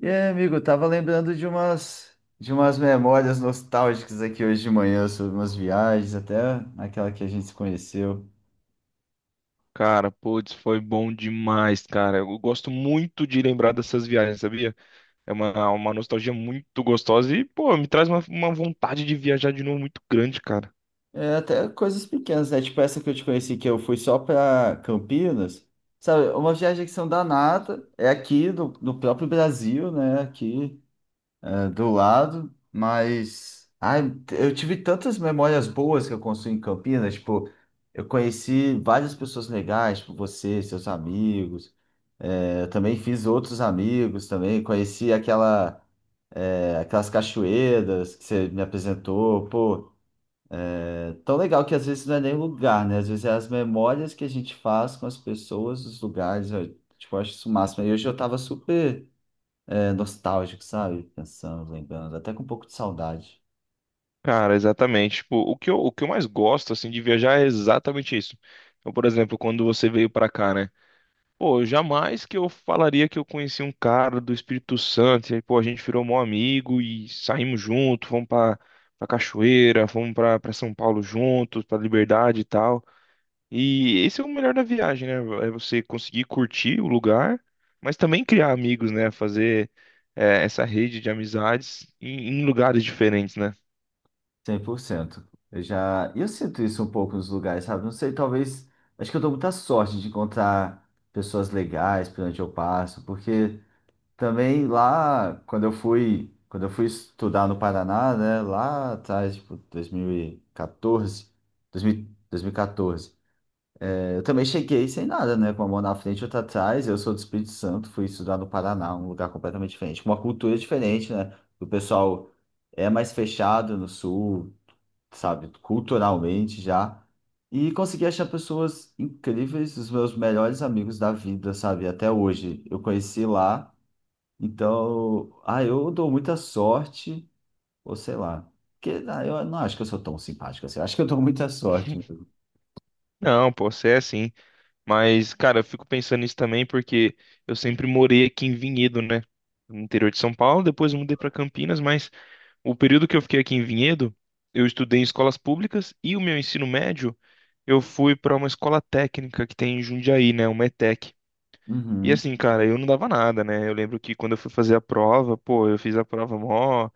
E aí, amigo, eu tava lembrando de umas memórias nostálgicas aqui hoje de manhã sobre umas viagens, até aquela que a gente se conheceu. Cara, putz, foi bom demais, cara. Eu gosto muito de lembrar dessas viagens, sabia? É uma nostalgia muito gostosa e, pô, me traz uma vontade de viajar de novo muito grande, cara. É, até coisas pequenas, né? Tipo essa que eu te conheci, que eu fui só pra Campinas. Sabe, uma viagem que são danada, é aqui do próprio Brasil, né? Aqui é, do lado, mas ai, eu tive tantas memórias boas que eu construí em Campinas, tipo, eu conheci várias pessoas legais, tipo você, seus amigos. É, eu também fiz outros amigos também, conheci aquela, aquelas cachoeiras que você me apresentou, pô, é tão legal que às vezes não é nem lugar, né? Às vezes é as memórias que a gente faz com as pessoas, os lugares, eu, tipo, eu acho isso o máximo. E hoje eu tava super, nostálgico, sabe? Pensando, lembrando, até com um pouco de saudade, Cara, exatamente. Tipo, o que eu mais gosto, assim, de viajar é exatamente isso. Então, por exemplo, quando você veio pra cá, né? Pô, jamais que eu falaria que eu conheci um cara do Espírito Santo. E aí, pô, a gente virou mó amigo e saímos junto, fomos pra cachoeira, fomos pra São Paulo juntos, pra Liberdade e tal. E esse é o melhor da viagem, né? É você conseguir curtir o lugar, mas também criar amigos, né? Fazer essa rede de amizades em lugares diferentes, né? cem por cento. Eu já, e eu sinto isso um pouco nos lugares, sabe? Não sei, talvez, acho que eu dou muita sorte de encontrar pessoas legais por onde eu passo, porque... Também lá, quando eu fui estudar no Paraná, né, lá atrás, tipo, 2014, 2000, 2014, eu também cheguei sem nada, né, com uma mão na frente e outra atrás. Eu sou do Espírito Santo, fui estudar no Paraná, um lugar completamente diferente, com uma cultura diferente, né? O pessoal é mais fechado no sul, sabe, culturalmente já. E consegui achar pessoas incríveis, os meus melhores amigos da vida, sabe, até hoje. Eu conheci lá. Então, ah, eu dou muita sorte, ou sei lá. Porque, ah, eu não acho que eu sou tão simpático assim. Eu Acho que eu dou muita sorte. Não, pô, você é assim. Mas, cara, eu fico pensando nisso também porque eu sempre morei aqui em Vinhedo, né? No interior de São Paulo, depois eu mudei para Campinas, mas o período que eu fiquei aqui em Vinhedo, eu estudei em escolas públicas e o meu ensino médio, eu fui para uma escola técnica que tem em Jundiaí, né? Uma ETEC. E Uhum, assim, cara, eu não dava nada, né? Eu lembro que quando eu fui fazer a prova, pô, eu fiz a prova mó,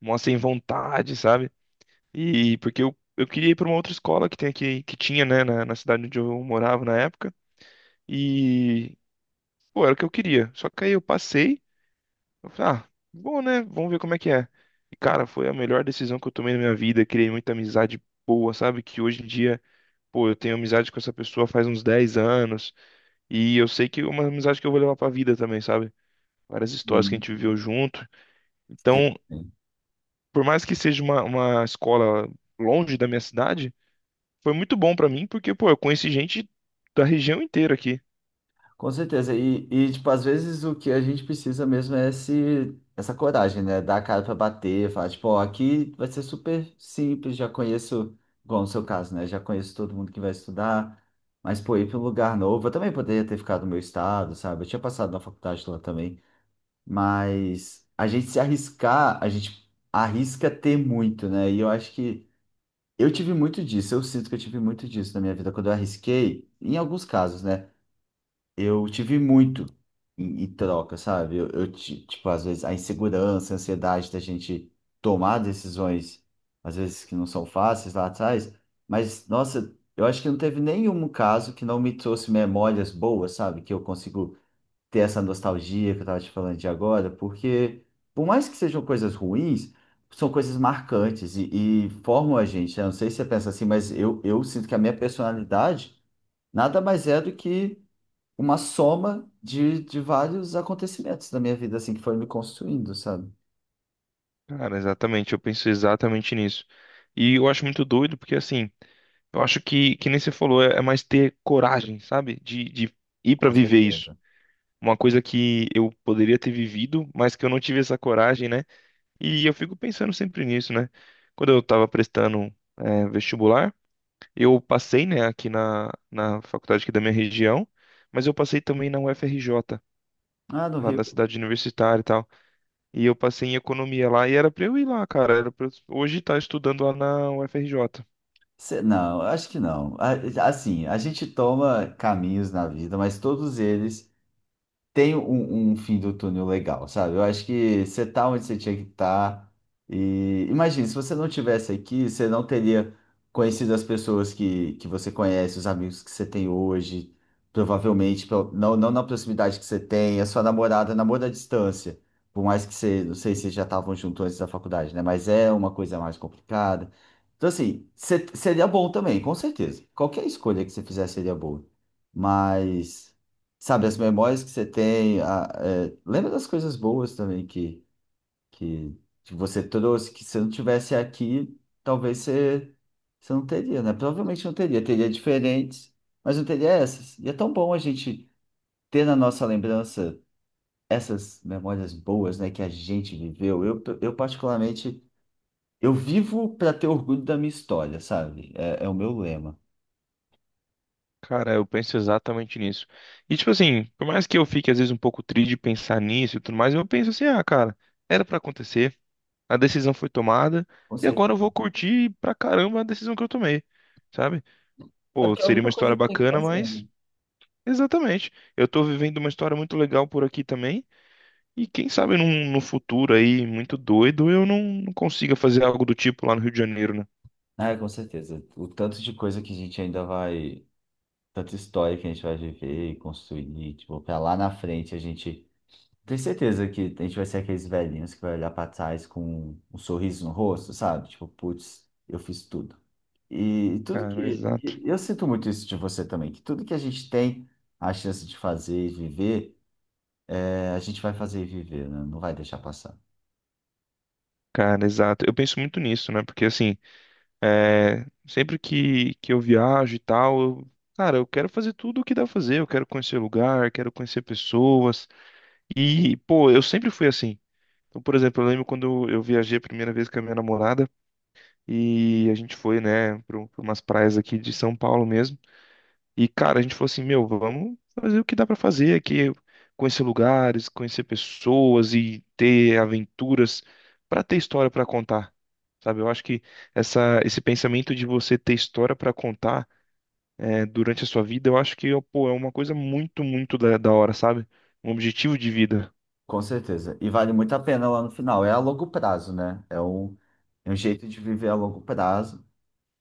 mó sem vontade, sabe? E porque eu queria ir pra uma outra escola que tem aqui, que tinha, né, na cidade onde eu morava na época. E, pô, era o que eu queria. Só que aí eu passei, eu falei, ah, bom, né? Vamos ver como é que é. E, cara, foi a melhor decisão que eu tomei na minha vida. Criei muita amizade boa, sabe? Que hoje em dia, pô, eu tenho amizade com essa pessoa faz uns 10 anos. E eu sei que é uma amizade que eu vou levar pra vida também, sabe? Várias histórias que a uhum. gente viveu junto. Sim, Então, sim. por mais que seja uma escola longe da minha cidade, foi muito bom pra mim, porque, pô, eu conheci gente da região inteira aqui. Com certeza. E tipo, às vezes o que a gente precisa mesmo é esse, essa coragem, né? Dar a cara pra bater, falar, tipo, ó, aqui vai ser super simples, já conheço, igual no seu caso, né? Já conheço todo mundo que vai estudar. Mas, pô, ir para um lugar novo, eu também poderia ter ficado no meu estado, sabe? Eu tinha passado na faculdade lá também. Mas a gente se arriscar, a gente arrisca ter muito, né? E eu acho que eu tive muito disso, eu sinto que eu tive muito disso na minha vida. Quando eu arrisquei, em alguns casos, né? Eu tive muito em troca, sabe? Tipo, às vezes a insegurança, a ansiedade da gente tomar decisões, às vezes que não são fáceis lá atrás. Mas, nossa, eu acho que não teve nenhum caso que não me trouxe memórias boas, sabe? Que eu consigo ter essa nostalgia que eu estava te falando de agora, porque por mais que sejam coisas ruins, são coisas marcantes e formam a gente, né? Não sei se você pensa assim, mas eu sinto que a minha personalidade nada mais é do que uma soma de vários acontecimentos da minha vida, assim, que foram me construindo, sabe? Cara, exatamente, eu penso exatamente nisso. E eu acho muito doido, porque assim, eu acho que nem você falou, é mais ter coragem, sabe? De ir pra Com viver isso. certeza. Uma coisa que eu poderia ter vivido, mas que eu não tive essa coragem, né? E eu fico pensando sempre nisso, né? Quando eu tava prestando, vestibular, eu passei, né, aqui na faculdade aqui da minha região, mas eu passei também na UFRJ, Ah, no lá Rio. da cidade universitária e tal. E eu passei em economia lá e era pra eu ir lá, cara. Era pra eu hoje estar estudando lá na UFRJ. Não, acho que não. Assim, a gente toma caminhos na vida, mas todos eles tem um fim do túnel legal, sabe? Eu acho que você tá onde você tinha que estar. E imagina, se você não tivesse aqui, você não teria conhecido as pessoas que você conhece, os amigos que você tem hoje, não, não na proximidade que você tem, a sua namorada namora à distância. Por mais que você, não sei se vocês já estavam juntos antes da faculdade, né? Mas é uma coisa mais complicada. Então, assim, seria bom também, com certeza. Qualquer escolha que você fizer seria boa. Mas sabe, as memórias que você tem, lembra das coisas boas também que, que você trouxe, que se eu não tivesse aqui, talvez você não teria, né? Provavelmente não teria, teria diferentes, mas não teria essas. E é tão bom a gente ter na nossa lembrança essas memórias boas, né, que a gente viveu. Eu particularmente, eu vivo para ter orgulho da minha história, sabe? É o meu lema. Cara, eu penso exatamente nisso. E tipo assim, por mais que eu fique às vezes um pouco triste de pensar nisso e tudo mais, eu penso assim, ah, cara, era pra acontecer, a decisão foi tomada Com e agora eu vou certeza. curtir pra caramba a decisão que eu tomei, sabe? É Pô, porque é a seria uma única história coisa que tem que bacana, fazer, mas né? exatamente. Eu tô vivendo uma história muito legal por aqui também. E quem sabe num, no futuro aí, muito doido, eu não consiga fazer algo do tipo lá no Rio de Janeiro, né? Ah, com certeza. O tanto de coisa que a gente ainda vai, tanta história que a gente vai viver e construir, tipo, pra lá na frente a gente tem certeza que a gente vai ser aqueles velhinhos que vai olhar pra trás com um sorriso no rosto, sabe? Tipo, putz, eu fiz tudo. E tudo Cara, exato. eu sinto muito isso de você também, que tudo que a gente tem a chance de fazer e viver, é, a gente vai fazer e viver, né? Não vai deixar passar. Cara, exato. Eu penso muito nisso, né? Porque assim, é, sempre que eu viajo e tal, eu- cara, eu quero fazer tudo o que dá pra fazer. Eu quero conhecer lugar, quero conhecer pessoas. E, pô, eu sempre fui assim. Então, por exemplo, eu lembro quando eu viajei a primeira vez com a minha namorada e a gente foi, né, para umas praias aqui de São Paulo mesmo. E, cara, a gente falou assim, meu, vamos fazer o que dá pra fazer aqui, conhecer lugares, conhecer pessoas e ter aventuras pra ter história pra contar. Sabe, eu acho que esse pensamento de você ter história pra contar durante a sua vida, eu acho que pô, é uma coisa muito, muito da hora, sabe? Um objetivo de vida. Com certeza. E vale muito a pena lá no final. É a longo prazo, né? É um jeito de viver a longo prazo.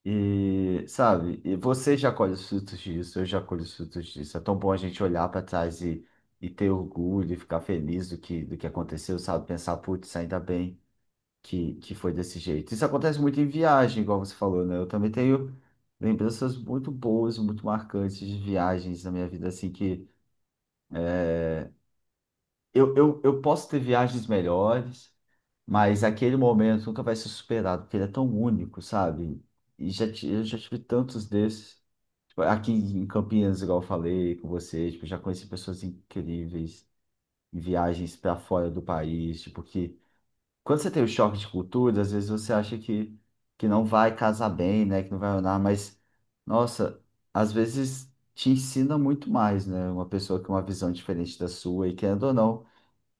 E, sabe, e você já colhe os frutos disso, eu já colho os frutos disso. É tão bom a gente olhar para trás e ter orgulho e ficar feliz do que aconteceu, sabe? Pensar, putz, ainda bem que foi desse jeito. Isso acontece muito em viagem, igual você falou, né? Eu também tenho lembranças muito boas, muito marcantes de viagens na minha vida, assim, que eu posso ter viagens melhores. Mas aquele momento nunca vai ser superado, porque ele é tão único, sabe? Eu já tive tantos desses. Tipo, aqui em Campinas, igual eu falei com você, tipo, já conheci pessoas incríveis em viagens para fora do país, tipo, que quando você tem o choque de cultura, às vezes você acha que não vai casar bem, né, que não vai andar, mas, nossa, às vezes te ensina muito mais, né, uma pessoa com uma visão diferente da sua, e querendo ou não,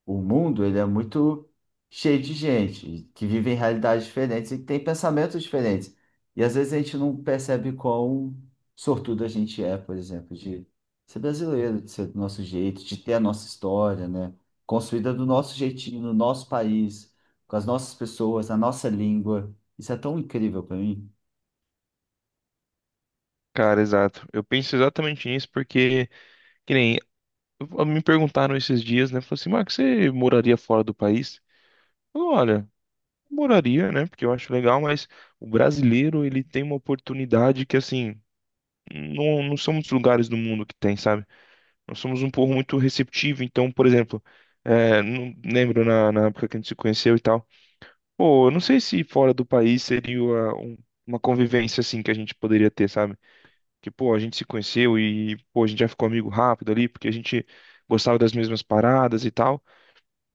o mundo, ele é muito cheio de gente que vive em realidades diferentes e que tem pensamentos diferentes. E às vezes a gente não percebe quão sortudo a gente é, por exemplo, de ser brasileiro, de ser do nosso jeito, de ter a nossa história, né? Construída do nosso jeitinho, no nosso país, com as nossas pessoas, na nossa língua. Isso é tão incrível para mim. Cara, exato. Eu penso exatamente nisso porque, que nem, me perguntaram esses dias, né? Falaram assim, Marcos, você moraria fora do país? Eu, olha, moraria, né? Porque eu acho legal, mas o brasileiro, ele tem uma oportunidade que, assim, não são muitos lugares do mundo que tem, sabe? Nós somos um povo muito receptivo, então, por exemplo, não lembro na época que a gente se conheceu e tal, pô, eu não sei se fora do país seria uma convivência, assim, que a gente poderia ter, sabe? Que, pô, a gente se conheceu e, pô, a gente já ficou amigo rápido ali, porque a gente gostava das mesmas paradas e tal.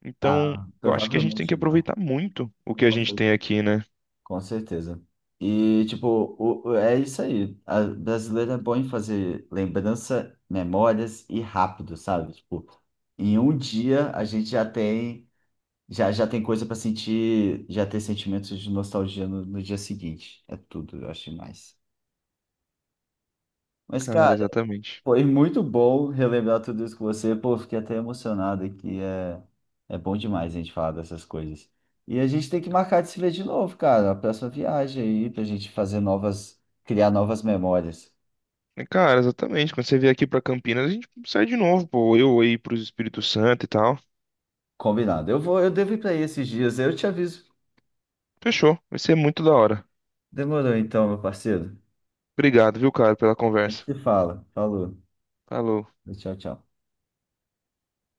Então, Ah, eu acho que a gente tem que provavelmente não. aproveitar muito o que a gente tem aqui, né? Com certeza. E, tipo, é isso aí. A brasileira é bom em fazer lembrança, memórias e rápido, sabe? Tipo, em um dia a gente já tem coisa para sentir, já ter sentimentos de nostalgia no dia seguinte. É tudo, eu acho demais. Mas, Cara, cara, exatamente. foi muito bom relembrar tudo isso com você. Pô, fiquei até emocionado aqui. É bom demais a gente falar dessas coisas. E a gente tem que marcar de se ver de novo, cara. A próxima viagem aí, pra gente fazer novas, criar novas memórias. E, cara, exatamente. Quando você vier aqui pra Campinas, a gente sai de novo, pô. Eu aí pro Espírito Santo e tal. Combinado. Eu devo ir pra aí esses dias. Eu te aviso. Fechou. Vai ser muito da hora. Demorou então, meu parceiro. Obrigado, viu, cara, pela A gente conversa. se fala. Falou. Falou. Tchau, tchau.